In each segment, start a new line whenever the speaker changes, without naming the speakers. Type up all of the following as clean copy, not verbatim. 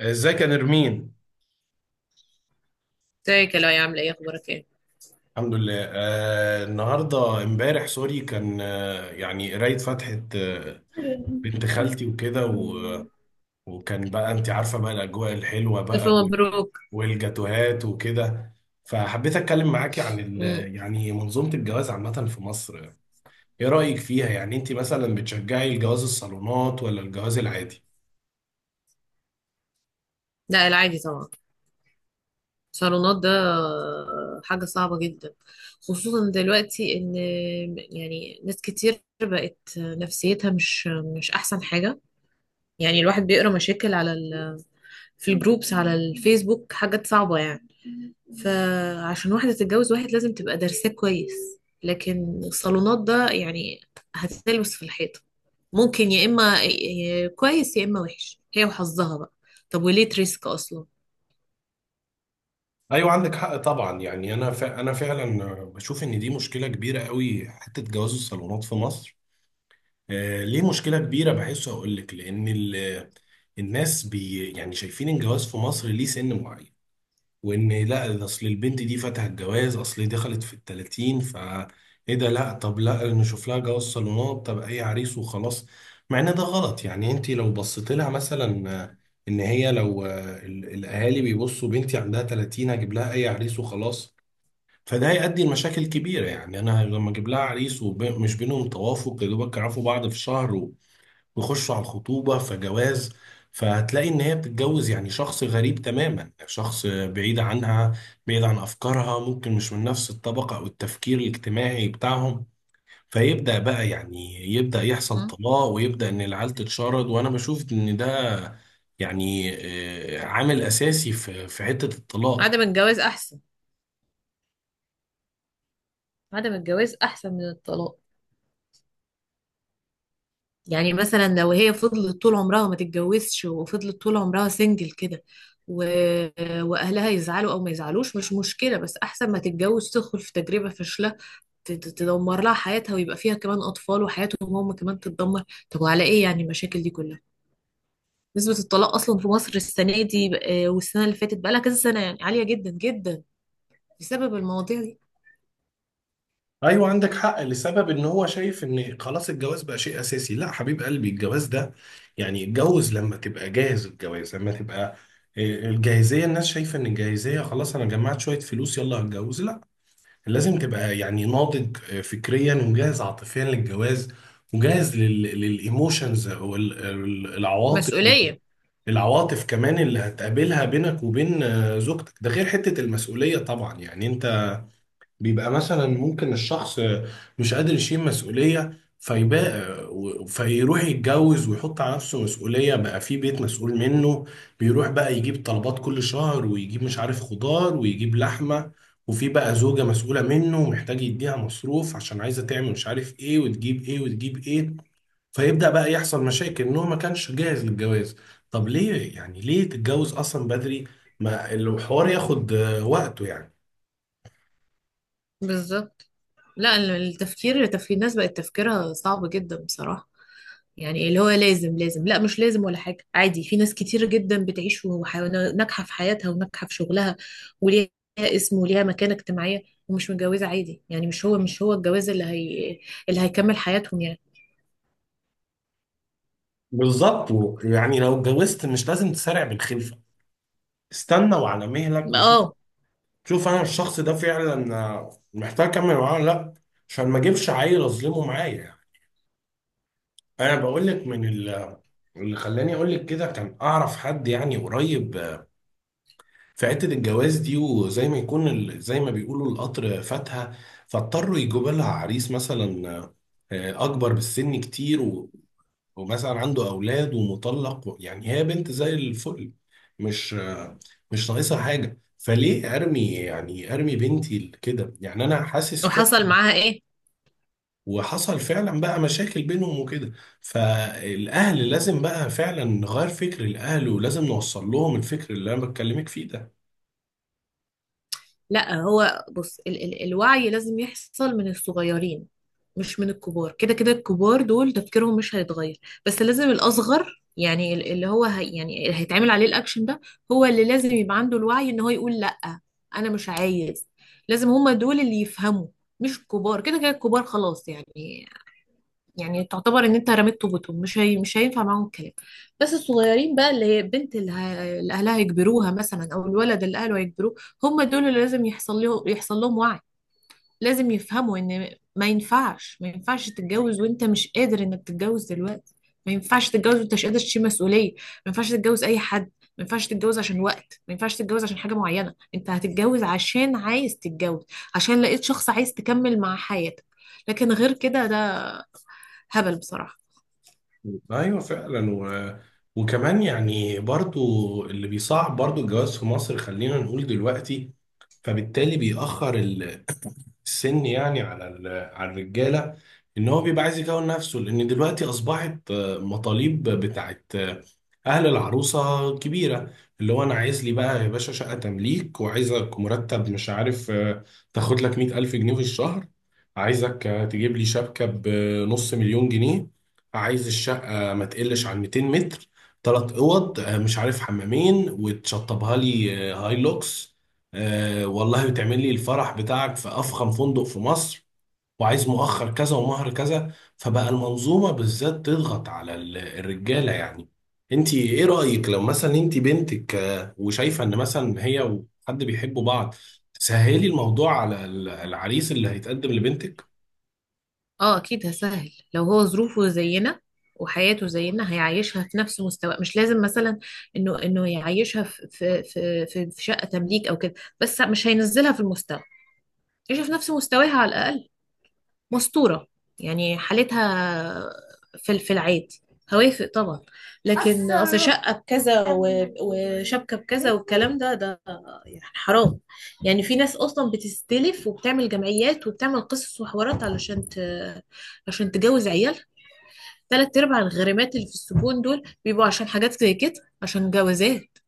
ازيك يا نرمين.
ازيك يا لؤي، عاملة ايه؟ اخبارك ايه؟
الحمد لله. النهارده امبارح سوري كان يعني قرايه فاتحه، بنت خالتي وكده وكان بقى انت عارفه بقى الاجواء الحلوه
ألف
بقى،
مبروك.
والجاتوهات وكده. فحبيت اتكلم معاكي عن ال-
مم.
يعني منظومه الجواز عامه في مصر. ايه رايك فيها؟ يعني انت مثلا بتشجعي الجواز الصالونات ولا الجواز العادي؟
لا، العادي طبعا. صالونات ده حاجة صعبة جدا، خصوصا دلوقتي ان يعني ناس كتير بقت نفسيتها مش احسن حاجة. يعني الواحد بيقرا مشاكل في الجروبس على الفيسبوك، حاجات صعبة يعني. فعشان واحدة تتجوز واحد لازم تبقى دارساه كويس. لكن الصالونات ده يعني هتتلبس في الحيطة، ممكن يا إما كويس يا إما وحش، هي وحظها بقى. طب وليه تريسك أصلا؟
ايوه، عندك حق طبعا. يعني انا انا فعلا بشوف ان دي مشكله كبيره قوي، حته جواز الصالونات في مصر. ليه مشكلة كبيرة؟ بحسه أقول لك، لأن الناس بي يعني شايفين الجواز في مصر ليه سن معين. وإن لا ده أصل البنت دي فاتها الجواز، أصل دخلت في التلاتين، فا إيه ده؟ لا، طب لا نشوف لها جواز صالونات، طب أي عريس وخلاص. مع إن ده غلط. يعني أنت لو بصيت لها مثلا، إن هي لو، الأهالي بيبصوا بنتي عندها تلاتين، هجيب لها أي عريس وخلاص. فده هيؤدي لمشاكل كبيرة. يعني أنا لما أجيب لها عريس ومش بينهم توافق، يا دوبك يعرفوا بعض في شهر ويخشوا على الخطوبة فجواز، فهتلاقي ان هي بتتجوز يعني شخص غريب تماما، شخص بعيد عنها، بعيد عن افكارها، ممكن مش من نفس الطبقة او التفكير الاجتماعي بتاعهم. فيبدأ بقى يعني يبدأ يحصل
م?
طلاق، ويبدأ ان العيال تتشرد، وانا بشوف ان ده يعني، عامل اساسي في حتة الطلاق.
عدم الجواز أحسن. عدم الجواز أحسن من الطلاق. يعني مثلا لو هي فضلت طول عمرها ما تتجوزش، وفضلت طول عمرها سنجل كده، و... وأهلها يزعلوا أو ما يزعلوش مش مشكلة، بس أحسن ما تتجوز تدخل في تجربة فاشلة، تدمر لها حياتها، ويبقى فيها كمان أطفال وحياتهم هم كمان تتدمر. طب وعلى إيه يعني المشاكل دي كلها؟ نسبة الطلاق أصلا في مصر السنة دي والسنة اللي فاتت بقالها كذا سنة يعني عالية جدا جدا، بسبب المواضيع دي.
ايوه عندك حق لسبب ان هو شايف ان خلاص الجواز بقى شيء اساسي. لا حبيب قلبي، الجواز ده يعني اتجوز لما تبقى جاهز، الجواز لما تبقى، آه، الجاهزيه. الناس شايفه ان الجاهزيه خلاص انا جمعت شويه فلوس يلا هتجوز، لا. لازم تبقى يعني ناضج فكريا، ومجهز عاطفيا للجواز، وجاهز للايموشنز او العواطف.
مسؤولية.
العواطف كمان اللي هتقابلها بينك وبين، زوجتك. ده غير حته المسؤوليه طبعا. يعني انت بيبقى مثلا ممكن الشخص مش قادر يشيل مسؤولية، فيبقى فيروح يتجوز ويحط على نفسه مسؤولية بقى في بيت مسؤول منه. بيروح بقى يجيب طلبات كل شهر، ويجيب مش عارف خضار، ويجيب لحمة، وفي بقى زوجة مسؤولة منه، محتاج يديها مصروف عشان عايزة تعمل مش عارف ايه، وتجيب ايه وتجيب ايه. فيبدأ بقى يحصل مشاكل ان هو ما كانش جاهز للجواز. طب ليه؟ يعني ليه تتجوز اصلا بدري؟ ما الحوار ياخد وقته يعني.
بالظبط. لا التفكير، تفكير الناس بقت تفكيرها صعب جدا بصراحة. يعني اللي هو لازم لا مش لازم ولا حاجة، عادي، في ناس كتير جدا بتعيش وحيوانات ناجحة في حياتها وناجحة في شغلها، وليها اسم وليها مكانة اجتماعية ومش متجوزة، عادي. يعني مش هو الجواز اللي هي اللي هيكمل حياتهم يعني.
بالظبط، يعني لو اتجوزت مش لازم تسارع بالخلفه، استنى وعلى مهلك وشوف.
اه.
شوف انا الشخص ده فعلا محتاج اكمل معاه ولا لا، عشان ما اجيبش عيل اظلمه معايا يعني. انا بقول لك من اللي خلاني اقول لك كده، كان اعرف حد يعني قريب في حته الجواز دي، وزي ما يكون زي ما بيقولوا القطر فاتها، فاضطروا يجيبوا لها عريس مثلا اكبر بالسن كتير، ومثلا عنده أولاد ومطلق يعني هي بنت زي الفل، مش مش ناقصها حاجة. فليه أرمي؟ يعني أرمي بنتي كده؟ يعني أنا حاسس فعلا.
وحصل معاها ايه؟
وحصل فعلا بقى مشاكل بينهم وكده. فالأهل لازم بقى فعلا نغير فكر الأهل، ولازم نوصل لهم الفكر اللي أنا بتكلمك فيه ده.
لا هو بص، ال الوعي لازم يحصل من الصغيرين، مش من الكبار. كده كده الكبار دول تفكيرهم مش هيتغير، بس لازم الأصغر يعني اللي هو هي، يعني اللي هيتعمل عليه الأكشن ده، هو اللي لازم يبقى عنده الوعي إن هو يقول لأ أنا مش عايز. لازم هما دول اللي يفهموا، مش الكبار. كده كده الكبار خلاص يعني، يعني تعتبر ان انت رميت طوبتهم، مش هي، مش هينفع معاهم الكلام. بس الصغيرين بقى، اللي هي البنت اللي اهلها يجبروها مثلا، او الولد اللي اهله هيجبروه، هم دول اللي لازم يحصل لهم وعي. لازم يفهموا ان ما ينفعش تتجوز وانت مش قادر انك تتجوز دلوقتي، ما ينفعش تتجوز وانت مش قادر تشيل مسؤولية، ما ينفعش تتجوز اي حد، ما ينفعش تتجوز عشان وقت، ما ينفعش تتجوز عشان حاجة معينة. انت هتتجوز عشان عايز تتجوز، عشان لقيت شخص عايز تكمل مع حياتك. لكن غير كده ده هبل بصراحة.
أيوه فعلا. وكمان يعني برضو اللي بيصعب برضو الجواز في مصر خلينا نقول دلوقتي، فبالتالي بيأخر السن يعني على على الرجاله. ان هو بيبقى عايز يكون نفسه، لان دلوقتي اصبحت مطالب بتاعت اهل العروسه كبيره. اللي هو انا عايز لي بقى يا باشا شقه تمليك، وعايزك مرتب مش عارف تاخد لك 100,000 جنيه في الشهر، عايزك تجيب لي شبكه بنص مليون جنيه، عايز الشقه ما تقلش عن 200 متر، ثلاث اوض مش عارف حمامين، وتشطبها لي هايلوكس، آه والله بتعمل لي الفرح بتاعك في أفخم فندق في مصر، وعايز مؤخر كذا ومهر كذا. فبقى المنظومة بالذات تضغط على الرجالة يعني. انت ايه رأيك لو مثلا انت بنتك، وشايفة ان مثلا هي وحد بيحبوا بعض، تسهلي الموضوع على العريس اللي هيتقدم لبنتك؟
اه اكيد هسهل لو هو ظروفه زينا وحياته زينا، هيعيشها في نفس مستوى. مش لازم مثلا انه يعيشها في في شقة تمليك او كده، بس مش هينزلها في المستوى، يعيشها في نفس مستواها على الاقل، مستورة يعني حالتها في العيد، هوافق طبعا. لكن اصلا شقة بكذا وشبكة بكذا والكلام ده يعني حرام. يعني في ناس اصلا بتستلف وبتعمل جمعيات وبتعمل قصص وحوارات عشان تجوز عيالها. تلات ارباع الغريمات اللي في السجون دول بيبقوا عشان حاجات زي كده، عشان جوازات.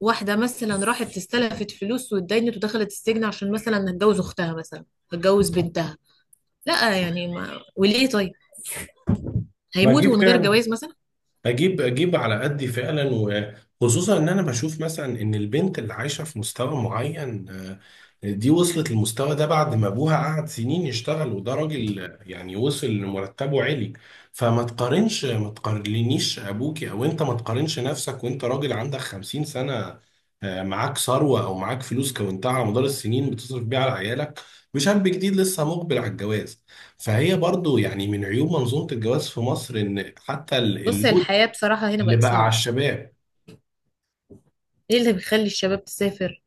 واحدة مثلا راحت استلفت فلوس واتدينت ودخلت السجن عشان مثلا هتجوز اختها مثلا، هتجوز بنتها. لا يعني ما وليه طيب؟
ما دي
هيموتوا من غير
فعلا.
جواز مثلا؟
اجيب اجيب على قدي فعلا. وخصوصا ان انا بشوف مثلا ان البنت اللي عايشه في مستوى معين، دي وصلت للمستوى ده بعد ما ابوها قعد سنين يشتغل، وده راجل يعني وصل لمرتبه عالي. فما تقارنش، ما تقارنيش ابوكي، او انت ما تقارنش نفسك وانت راجل عندك 50 سنه، معاك ثروه او معاك فلوس كونتها على مدار السنين بتصرف بيها على عيالك، وشاب جديد لسه مقبل على الجواز. فهي برضو يعني من عيوب منظومة الجواز في مصر ان حتى
بص
اللود
الحياة بصراحة هنا
اللي
بقت
بقى على
صعبة.
الشباب.
ايه اللي بيخلي الشباب تسافر؟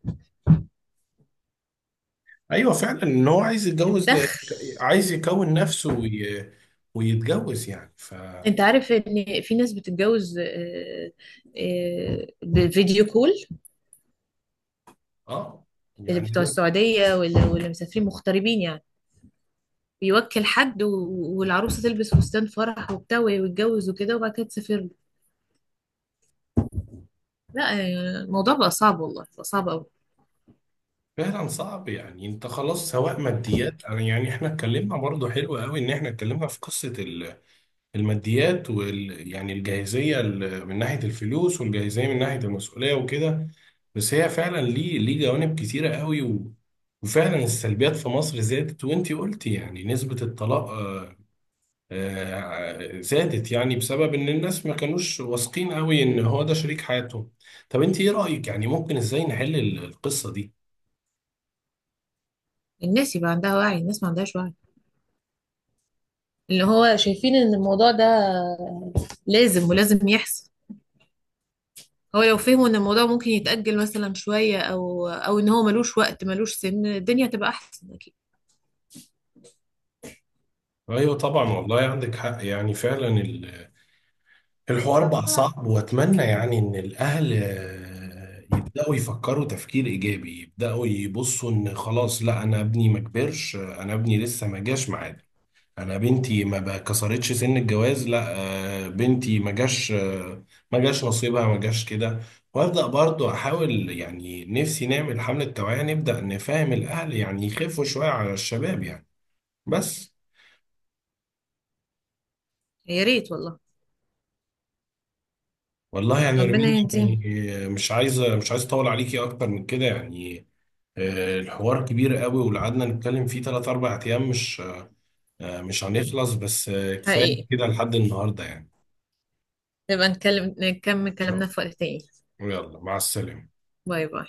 ايوه فعلا، ان هو عايز يتجوز،
الدخل.
عايز يكون نفسه ويتجوز يعني
انت عارف ان في ناس بتتجوز بفيديو كول،
اه.
اللي
يعني
بتوع
انا
السعودية ولا مسافرين مغتربين يعني، بيوكل حد والعروسة تلبس فستان فرح وبتاع ويتجوز وكده وبعد كده تسافر له. لا الموضوع بقى صعب، والله بقى صعب قوي.
فعلا صعب. يعني انت خلاص سواء ماديات. أنا يعني احنا اتكلمنا برضه حلو قوي، ان احنا اتكلمنا في قصه الماديات وال يعني الجاهزيه من ناحيه الفلوس، والجاهزيه من ناحيه المسؤوليه وكده. بس هي فعلا ليه، ليه جوانب كتيره قوي. وفعلا السلبيات في مصر زادت. وانتي قلتي يعني نسبه الطلاق زادت يعني بسبب ان الناس ما كانوش واثقين قوي ان هو ده شريك حياتهم. طب انت ايه رأيك يعني ممكن ازاي نحل القصة دي؟
الناس يبقى عندها وعي، الناس ما عندهاش وعي، اللي هو شايفين ان الموضوع ده لازم، ولازم يحصل. هو لو فهموا ان الموضوع ممكن يتأجل مثلا شوية، او ان هو ملوش وقت ملوش سن، الدنيا تبقى احسن اكيد.
ايوه طبعا، والله عندك حق. يعني فعلا الحوار بقى صعب. واتمنى يعني ان الاهل، يبدأوا يفكروا تفكير ايجابي، يبدأوا يبصوا ان خلاص لا انا ابني ما كبرش، انا ابني لسه ما جاش معانا، انا بنتي ما بقى- كسرتش سن الجواز لا، بنتي ما جاش ما جاش نصيبها، ما جاش كده. وابدا برضو احاول يعني نفسي نعمل حمله توعيه، نبدا نفهم الاهل يعني يخفوا شويه على الشباب يعني. بس
يا ريت والله.
والله يعني
ربنا
رمين
يهديهم.
يعني، مش عايزه مش عايز اطول عليكي اكتر من كده يعني. الحوار كبير قوي، ولو قعدنا نتكلم فيه 3 4 ايام مش، مش هنخلص. بس كفايه
حقيقي.
كده لحد النهارده يعني. إن
نبقى نتكلم نكمل
شاء
كلامنا في
الله.
وقت تاني.
يلا مع السلامه.
باي باي.